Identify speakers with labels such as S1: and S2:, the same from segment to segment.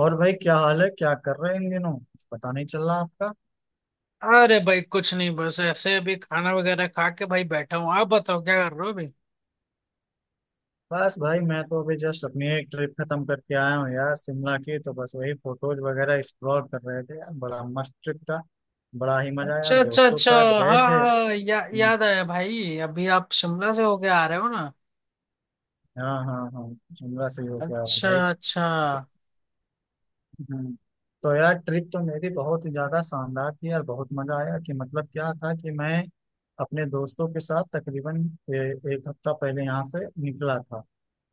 S1: और भाई, क्या हाल है? क्या कर रहे हैं इन दिनों? कुछ पता नहीं चल रहा आपका।
S2: अरे भाई कुछ नहीं, बस ऐसे अभी खाना वगैरह खा के भाई बैठा हूँ। आप बताओ क्या कर रहे हो अभी।
S1: बस भाई, मैं तो अभी जस्ट अपनी एक ट्रिप खत्म करके आया हूँ यार, शिमला की। तो बस वही फोटोज वगैरह एक्सप्लोर कर रहे थे यार, बड़ा मस्त ट्रिप था। बड़ा ही मजा आया,
S2: अच्छा अच्छा
S1: दोस्तों के
S2: अच्छा।
S1: साथ गए
S2: हाँ
S1: थे।
S2: हाँ,
S1: हम्म,
S2: याद आया भाई, अभी आप शिमला से होके आ रहे हो ना।
S1: हाँ हाँ हाँ, शिमला से ही होके आया हूँ
S2: अच्छा
S1: भाई।
S2: अच्छा हाँ।
S1: हम्म, तो यार, ट्रिप तो मेरी बहुत ही ज्यादा शानदार थी यार, बहुत मजा आया। कि मतलब क्या था कि मैं अपने दोस्तों के साथ तकरीबन ए, एक हफ्ता पहले यहाँ से निकला था।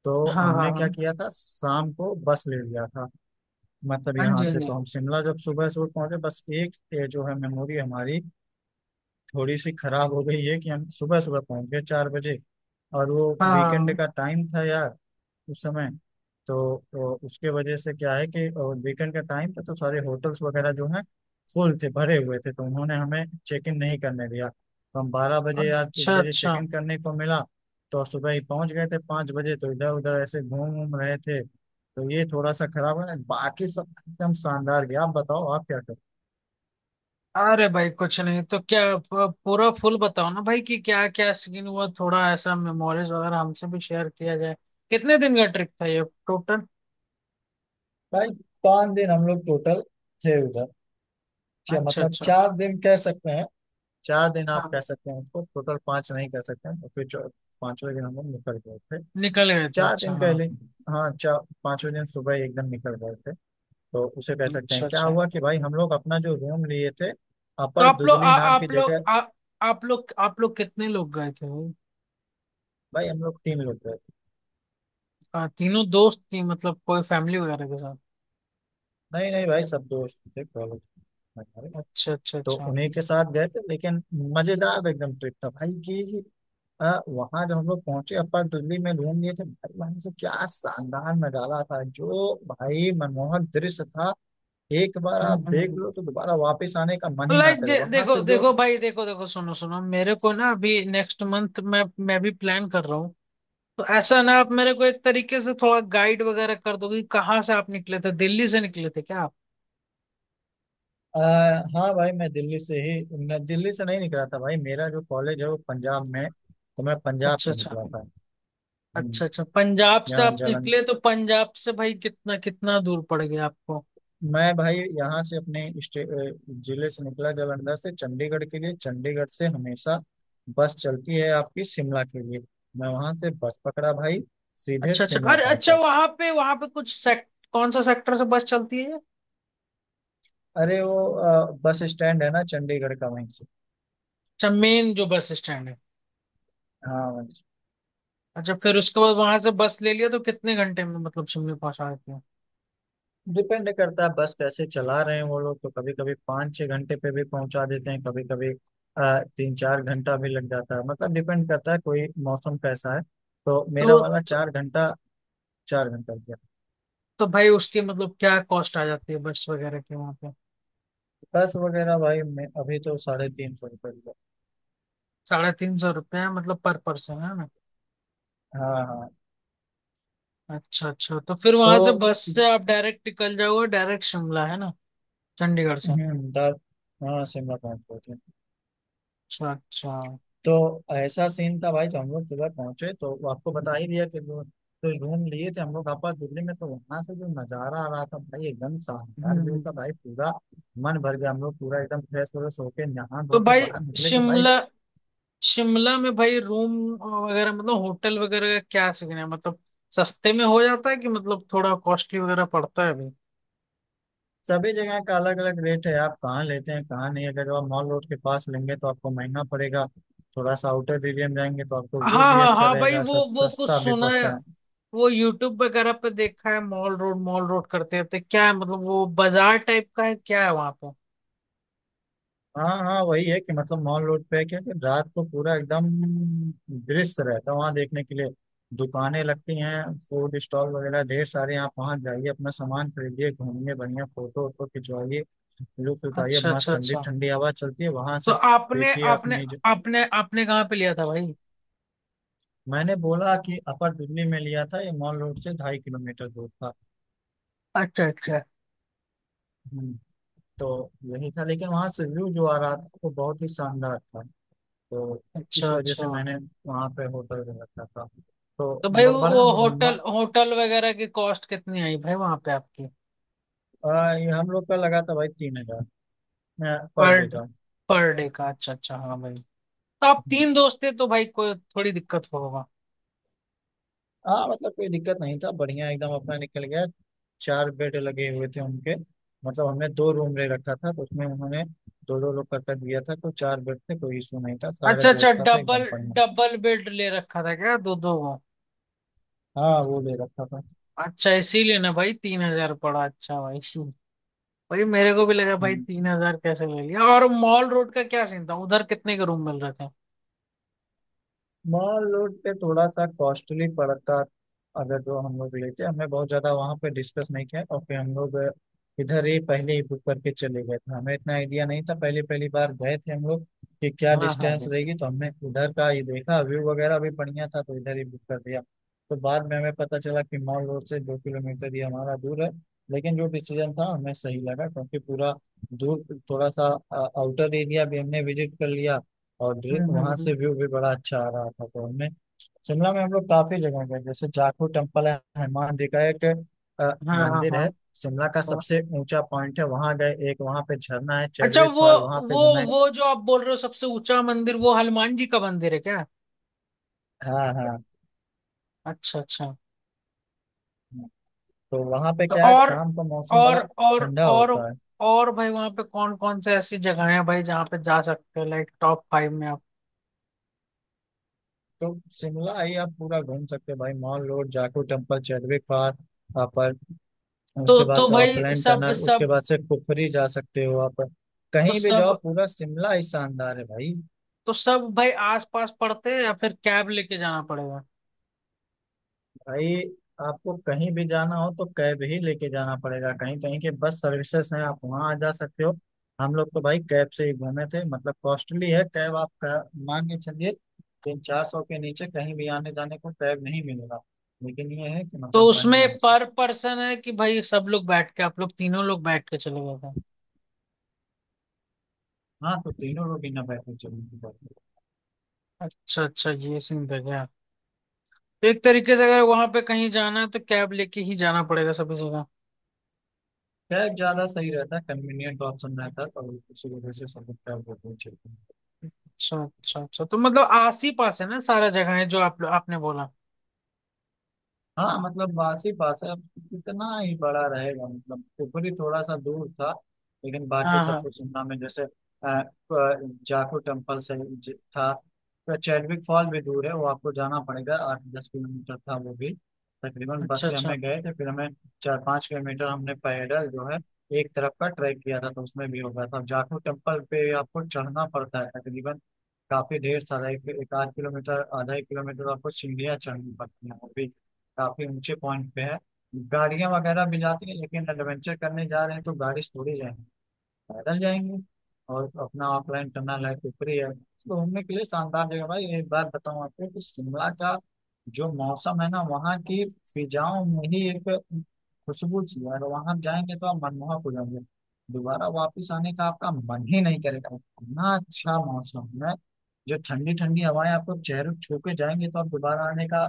S1: तो
S2: हाँ
S1: हमने क्या
S2: हाँ
S1: किया था, शाम को बस ले लिया था। मतलब
S2: हाँ जी,
S1: यहाँ
S2: हाँ
S1: से
S2: जी।
S1: तो हम शिमला जब सुबह सुबह पहुंचे, बस एक ये जो है, मेमोरी हमारी थोड़ी सी खराब हो गई है कि हम सुबह सुबह पहुंच गए 4 बजे, और वो
S2: हाँ हाँ
S1: वीकेंड
S2: हाँ।
S1: का टाइम था यार, उस समय। तो उसके वजह से क्या है कि वीकेंड का टाइम था, तो सारे होटल्स वगैरह जो हैं फुल थे, भरे हुए थे, तो उन्होंने हमें चेक इन नहीं करने दिया। तो हम 12 बजे या एक
S2: अच्छा
S1: बजे चेक
S2: अच्छा।
S1: इन करने को मिला। तो सुबह ही पहुंच गए थे 5 बजे, तो इधर उधर ऐसे घूम घूम रहे थे। तो ये थोड़ा सा खराब है, बाकी सब एकदम शानदार गया। आप बताओ, आप क्या कर।
S2: अरे भाई कुछ नहीं, तो क्या पूरा फुल बताओ ना भाई कि क्या क्या सीन हुआ। थोड़ा ऐसा मेमोरीज वगैरह हमसे भी शेयर किया जाए। कितने दिन का ट्रिप था ये टोटल।
S1: भाई 5 दिन हम लोग टोटल थे उधर,
S2: अच्छा
S1: मतलब
S2: अच्छा।
S1: 4 दिन कह सकते हैं। 4 दिन
S2: हाँ
S1: आप कह
S2: हाँ।
S1: सकते हैं उसको, टोटल पांच नहीं कह सकते हैं, क्योंकि 5वें दिन हम लोग निकल गए थे।
S2: निकल गए थे,
S1: चार
S2: अच्छा
S1: दिन
S2: हाँ।
S1: पहले, हाँ चार 5वें दिन सुबह एकदम निकल गए थे। तो उसे कह सकते हैं,
S2: अच्छा
S1: क्या
S2: अच्छा,
S1: हुआ कि भाई हम लोग अपना जो रूम लिए थे
S2: तो
S1: अपर दुदली नाम की जगह।
S2: आप लोग, आप लोग कितने लोग गए थे।
S1: भाई हम लोग तीन लोग गए थे।
S2: तीनों दोस्त थी मतलब, कोई फैमिली वगैरह के साथ।
S1: नहीं नहीं भाई, सब दोस्त थे, कॉलेज हमारे,
S2: अच्छा अच्छा
S1: तो
S2: अच्छा।
S1: उन्हीं के साथ गए थे। लेकिन मजेदार एकदम ट्रिप था भाई कि वहां जब हम लोग पहुंचे अपर दिल्ली में रूम लिए थे भाई, वहां से क्या शानदार नजारा था, जो भाई मनमोहक दृश्य था। एक बार आप देख
S2: हम्म।
S1: लो तो दोबारा वापस आने का मन ही ना
S2: लाइक,
S1: करे वहां
S2: देखो
S1: से जो।
S2: देखो भाई, देखो देखो, सुनो सुनो, मेरे को ना अभी next month मैं भी प्लान कर रहा हूँ। तो ऐसा ना आप मेरे को एक तरीके से थोड़ा गाइड वगैरह कर दोगे कि कहाँ से आप निकले थे। दिल्ली से निकले थे क्या आप।
S1: आ, हाँ भाई, मैं दिल्ली से ही न, दिल्ली से नहीं निकला था भाई। मेरा जो कॉलेज है वो पंजाब में है, तो मैं पंजाब
S2: अच्छा
S1: से
S2: अच्छा।
S1: निकला था। हम्म,
S2: अच्छा अच्छा, पंजाब से
S1: यहाँ
S2: आप
S1: जलन,
S2: निकले तो पंजाब से भाई कितना कितना दूर पड़ गया आपको।
S1: मैं भाई यहाँ से अपने अ, जिले से निकला, जालंधर से चंडीगढ़ के लिए। चंडीगढ़ से हमेशा बस चलती है आपकी शिमला के लिए, मैं वहां से बस पकड़ा भाई, सीधे
S2: अच्छा अच्छा,
S1: शिमला
S2: अरे अच्छा,
S1: पहुंचा।
S2: वहां पे कुछ सेक्ट कौन सा सेक्टर से बस चलती है।
S1: अरे वो बस स्टैंड है ना चंडीगढ़ का, वहीं से।
S2: अच्छा, मेन जो बस स्टैंड है।
S1: हाँ वहीं से।
S2: अच्छा, फिर उसके बाद वहां से बस ले लिया तो कितने घंटे में मतलब शिमला पहुंचा देती है।
S1: डिपेंड करता है बस कैसे चला रहे हैं वो लोग, तो कभी कभी 5-6 घंटे पे भी पहुंचा देते हैं, कभी कभी 3-4 घंटा भी लग जाता है। मतलब डिपेंड करता है कोई मौसम कैसा है। तो मेरा
S2: तो,
S1: वाला
S2: तो
S1: 4 घंटा, 4 घंटा गया।
S2: तो भाई उसकी मतलब क्या कॉस्ट आ जाती है बस वगैरह की वहां पे।
S1: बस वगैरह भाई मैं अभी तो 350 रुपये हुआ।
S2: ₹350 है, मतलब पर पर्सन है ना।
S1: हाँ हाँ।
S2: अच्छा अच्छा, तो फिर
S1: तो
S2: वहां से बस से आप डायरेक्ट निकल जाओगे, डायरेक्ट शिमला है ना, चंडीगढ़ से।
S1: दार हाँ, शिमला पहुंच गए थे।
S2: अच्छा अच्छा।
S1: तो ऐसा सीन था भाई, जो हम लोग सुबह पहुंचे तो वो आपको बता ही दिया कि जो जो रूम लिए थे हम लोग आपस दिल्ली में, तो वहां से जो नजारा आ रहा था भाई एकदम शानदार
S2: हम्म,
S1: व्यू था
S2: हम्म।
S1: भाई पूरा, मन भर गया। हम लोग पूरा एकदम फ्रेश हो गए, सो के नहा
S2: तो
S1: धो के
S2: भाई
S1: बाहर निकले तो भाई,
S2: शिमला, शिमला में भाई रूम वगैरह मतलब होटल वगैरह का क्या सीन है, मतलब सस्ते में हो जाता है कि मतलब थोड़ा कॉस्टली वगैरह पड़ता है भाई।
S1: सभी जगह का अलग अलग रेट है। आप कहाँ लेते हैं कहाँ नहीं। अगर आप मॉल रोड के पास लेंगे तो आपको महंगा पड़ेगा। थोड़ा सा आउटर एरिया में जाएंगे तो आपको व्यू
S2: हाँ
S1: भी
S2: हाँ
S1: अच्छा
S2: हाँ भाई,
S1: रहेगा,
S2: वो कुछ
S1: सस्ता भी
S2: सुना है,
S1: पड़ता है।
S2: वो यूट्यूब वगैरह पे देखा है। मॉल रोड करते रहते, क्या है मतलब, वो बाजार टाइप का है क्या है वहां पे।
S1: हाँ हाँ, वही है कि मतलब मॉल रोड पे है क्योंकि रात को पूरा एकदम दृश्य रहता है वहाँ देखने के लिए। दुकानें लगती हैं, फूड स्टॉल वगैरह ढेर सारे, आप वहाँ जाइए, अपना सामान खरीदिए, घूमिए, बढ़िया फोटो वोटो खिंचवाइए, लुत्फ उठाइए।
S2: अच्छा
S1: मस्त
S2: अच्छा
S1: ठंडी
S2: अच्छा।
S1: ठंडी हवा चलती है वहां
S2: तो
S1: से,
S2: आपने
S1: देखिए
S2: आपने
S1: आपने।
S2: आपने आपने कहाँ पे लिया था भाई।
S1: मैंने बोला कि अपर दिल्ली में लिया था, ये मॉल रोड से 2.5 किलोमीटर दूर था।
S2: अच्छा अच्छा।
S1: हम्म, तो यही था, लेकिन वहाँ से व्यू जो आ रहा था वो बहुत ही शानदार था। तो इस
S2: अच्छा
S1: वजह से
S2: अच्छा,
S1: मैंने वहाँ पे होटल में रखा था। तो
S2: तो भाई
S1: ब- बड़ा
S2: वो
S1: म-
S2: होटल, होटल वगैरह की कॉस्ट कितनी आई भाई वहां पे आपकी।
S1: ये हम लोग का लगा था भाई 3,000 पर
S2: पर
S1: डे का।
S2: पर डे का, अच्छा अच्छा हाँ भाई। तो आप
S1: हम्म।
S2: तीन दोस्त थे तो भाई कोई थोड़ी दिक्कत होगा।
S1: हाँ मतलब कोई दिक्कत नहीं था, बढ़िया एकदम अपना निकल गया। चार बेड लगे हुए थे उनके, मतलब हमने दो रूम ले रखा था, तो उसमें उन्होंने दो दो लोग करके दिया था। तो चार बेड थे, कोई इशू नहीं था, सारे
S2: अच्छा अच्छा,
S1: व्यवस्था था
S2: डबल,
S1: एकदम बढ़िया।
S2: डबल बेड ले रखा था क्या दो दो को।
S1: हाँ वो ले रखा था।
S2: अच्छा, इसीलिए ना भाई 3,000 पड़ा। अच्छा भाई भाई मेरे को भी लगा भाई,
S1: हम्म,
S2: 3,000 कैसे ले लिया। और मॉल रोड का क्या सीन था, उधर कितने के रूम मिल रहे थे।
S1: मॉल रोड पे थोड़ा सा कॉस्टली पड़ता अगर जो हम लोग लेते। हमें बहुत ज्यादा वहाँ पे डिस्कस नहीं किया, और फिर हम लोग इधर ही पहले ही बुक करके चले गए थे। हमें इतना आइडिया नहीं था, पहली पहली बार गए थे हम लोग, कि क्या
S2: हाँ हाँ
S1: डिस्टेंस
S2: बिल्कुल।
S1: रहेगी, तो हमने उधर का ही देखा, व्यू वगैरह भी बढ़िया था तो इधर ही बुक कर दिया। तो बाद में हमें पता चला कि मॉल रोड से 2 किलोमीटर ही हमारा दूर है, लेकिन जो डिसीजन था हमें सही लगा क्योंकि पूरा दूर थोड़ा सा आउटर एरिया भी हमने विजिट कर लिया, और
S2: हम्म हम्म,
S1: वहां
S2: हम्म।
S1: से व्यू भी बड़ा अच्छा आ रहा था तो हमने। शिमला में हम लोग काफी जगह गए, जैसे जाखू टेम्पल है, हनुमान जी का एक अ,
S2: हाँ हाँ
S1: मंदिर है,
S2: हाँ
S1: शिमला का
S2: हाँ।
S1: सबसे ऊंचा पॉइंट है, वहां गए। एक वहां पे झरना है,
S2: अच्छा,
S1: चैडविक फॉल, वहां पे
S2: वो
S1: घूमे।
S2: वो जो आप बोल रहे हो सबसे ऊंचा मंदिर, वो हनुमान जी का मंदिर है क्या।
S1: हाँ हाँ।
S2: अच्छा अच्छा।
S1: तो वहां पे
S2: तो
S1: क्या है, शाम का मौसम
S2: और
S1: बड़ा
S2: और
S1: ठंडा
S2: और
S1: होता है।
S2: और भाई वहाँ पे कौन कौन से ऐसी जगह है भाई जहाँ पे जा सकते हैं, लाइक top 5 में आप।
S1: तो शिमला ही आप पूरा घूम सकते हैं भाई। Mall road, Jakhu temple, Chadwick fall, आप उसके बाद
S2: तो
S1: से
S2: भाई
S1: ऑकलैंड
S2: सब
S1: टनल, उसके
S2: सब
S1: बाद से कुफरी जा सकते हो आप।
S2: तो
S1: कहीं भी जाओ
S2: सब
S1: पूरा शिमला ही शानदार है भाई।
S2: तो सब भाई आस पास पड़ते हैं या फिर कैब लेके जाना पड़ेगा।
S1: भाई आपको कहीं भी जाना हो तो कैब ही लेके जाना पड़ेगा। कहीं कहीं के बस सर्विसेज हैं, आप वहाँ आ जा सकते हो। हम लोग तो भाई कैब से ही घूमे थे, मतलब कॉस्टली है कैब, आप मान के चलिए 300-400 के नीचे कहीं भी आने जाने को कैब नहीं मिलेगा। लेकिन ये है कि
S2: तो
S1: मतलब बढ़िया है
S2: उसमें
S1: सब।
S2: पर पर्सन है कि भाई सब लोग बैठ के, आप लोग तीनों लोग बैठ के चले गए थे।
S1: हाँ, तो तीनों लोग ही ना बैठे चलेंगे, बैठे।
S2: अच्छा अच्छा, ये सीन था क्या। तो एक तरीके से अगर वहां पे कहीं जाना है तो कैब लेके ही जाना पड़ेगा सभी जगह।
S1: कैब ज्यादा सही रहता है, कन्वीनियंट ऑप्शन रहता है, तो उसी वजह से सब लोग कैब लेते हैं।
S2: अच्छा अच्छा अच्छा, तो मतलब आस ही पास है ना सारा जगह है जो आप आपने बोला।
S1: हाँ मतलब वासी पास है, अब कितना ही बड़ा रहेगा, मतलब ऊपरी थोड़ा सा दूर था, लेकिन बाकी
S2: हाँ
S1: सब
S2: हाँ।
S1: कुछ शिमला में। जैसे अ, जाखू टेम्पल से था, तो चैडविक फॉल भी दूर है, वो आपको जाना पड़ेगा, 8-10 किलोमीटर था वो भी तकरीबन।
S2: अच्छा
S1: बस से
S2: अच्छा,
S1: हमें गए थे, फिर हमें 4-5 किलोमीटर हमने पैदल जो है एक तरफ का ट्रैक किया था, तो उसमें भी हो गया था। जाखू टेम्पल पे आपको चढ़ना पड़ता है तकरीबन काफी ढेर सारा, एक आध किलोमीटर, आधा एक किलोमीटर आपको सीढ़ियाँ चढ़नी पड़ती हैं, वो भी काफी ऊंचे पॉइंट पे है। गाड़ियां वगैरह भी जाती है, लेकिन एडवेंचर करने जा रहे हैं तो गाड़ी से थोड़ी जाएंगे, पैदल जाएंगे। और अपना ऑफलाइन टनल है ऊपरी है, तो घूमने के लिए शानदार जगह भाई। एक बार बताऊं आपको कि शिमला का जो मौसम है ना, वहाँ की फिजाओं में ही एक खुशबू सी है। अगर वहां जाएंगे तो आप मनमोहक हो जाएंगे, दोबारा वापिस आने का आपका मन ही नहीं करेगा, इतना अच्छा मौसम है। जो ठंडी ठंडी हवाएं आपको चेहरे को छू के जाएंगे, तो आप दोबारा आने का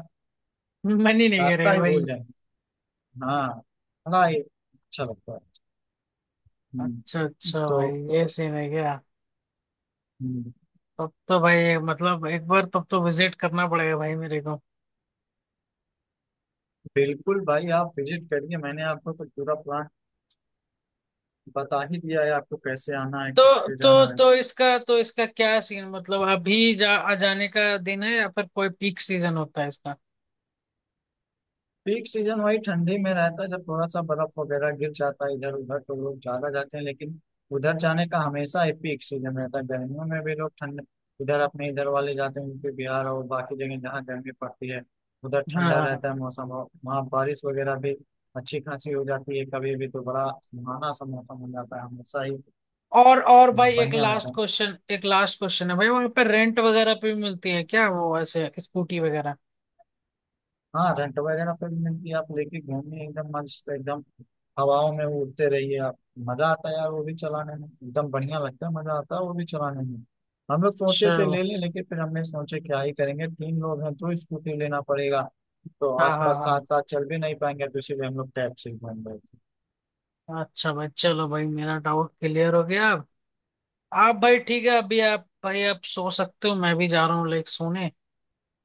S2: मन ही नहीं
S1: रास्ता
S2: करेगा
S1: ही
S2: भाई।
S1: भूल जाएंगे। हाँ, हाँ ये अच्छा लगता है। हम्म,
S2: अच्छा अच्छा
S1: तो
S2: भाई, ये सीन है क्या।
S1: हम्म,
S2: तब तो भाई मतलब एक बार तब तो विजिट करना पड़ेगा भाई मेरे को।
S1: बिल्कुल भाई, आप विजिट करिए, मैंने आपको तो पूरा प्लान बता ही दिया है आपको, कैसे आना है कैसे जाना है।
S2: तो इसका क्या सीन, मतलब अभी जा आ जाने का दिन है या फिर कोई पीक सीजन होता है इसका।
S1: पीक सीजन वही ठंडी में रहता है जब थोड़ा सा बर्फ वगैरह गिर जाता है इधर उधर, तो लोग ज्यादा जाते हैं। लेकिन उधर जाने का हमेशा ही पीक सीजन रहता है, गर्मियों में भी लोग ठंड इधर अपने इधर वाले जाते हैं, उनके बिहार और बाकी जगह जहाँ गर्मी पड़ती है उधर
S2: हाँ
S1: ठंडा
S2: हाँ हाँ।
S1: रहता है मौसम, और वहाँ बारिश वगैरह भी अच्छी खासी हो जाती है कभी भी, तो बड़ा सुहाना सा मौसम हो जाता है हमेशा ही,
S2: और भाई, एक
S1: बढ़िया रहता
S2: लास्ट
S1: है।
S2: क्वेश्चन, एक लास्ट क्वेश्चन है भाई, वहां पर रेंट वगैरह पे भी मिलती है क्या वो ऐसे स्कूटी वगैरह।
S1: हाँ, रेंट वगैरह पे भी मिलती है, आप लेके घूमिए एकदम मस्त, एकदम हवाओं में उड़ते रहिए आप। मजा आता है यार वो भी चलाने में, एकदम बढ़िया लगता है, मजा आता है वो भी चलाने में। हम लोग सोचे थे
S2: चलो,
S1: ले लें, लेकिन फिर हमने सोचे क्या ही करेंगे, तीन लोग हैं तो स्कूटी लेना पड़ेगा, तो
S2: हाँ
S1: आसपास साथ
S2: हाँ
S1: साथ चल भी नहीं पाएंगे, तो इसीलिए हम लोग टैब से ही घूम रहे थे।
S2: हाँ। अच्छा भाई चलो भाई, मेरा डाउट क्लियर हो गया। आप भाई ठीक है, अभी आप भाई आप सो सकते हो, मैं भी जा रहा हूँ लाइक सोने।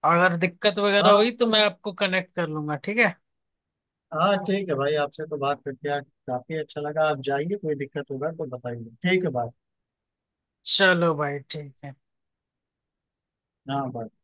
S2: अगर दिक्कत वगैरह
S1: हाँ,
S2: हुई तो मैं आपको कनेक्ट कर लूंगा, ठीक है।
S1: हाँ ठीक है भाई, आपसे तो बात करके यार काफी अच्छा लगा। आप जाइए, कोई दिक्कत होगा तो बताइए, ठीक है भाई।
S2: चलो भाई, ठीक है।
S1: हाँ भाई।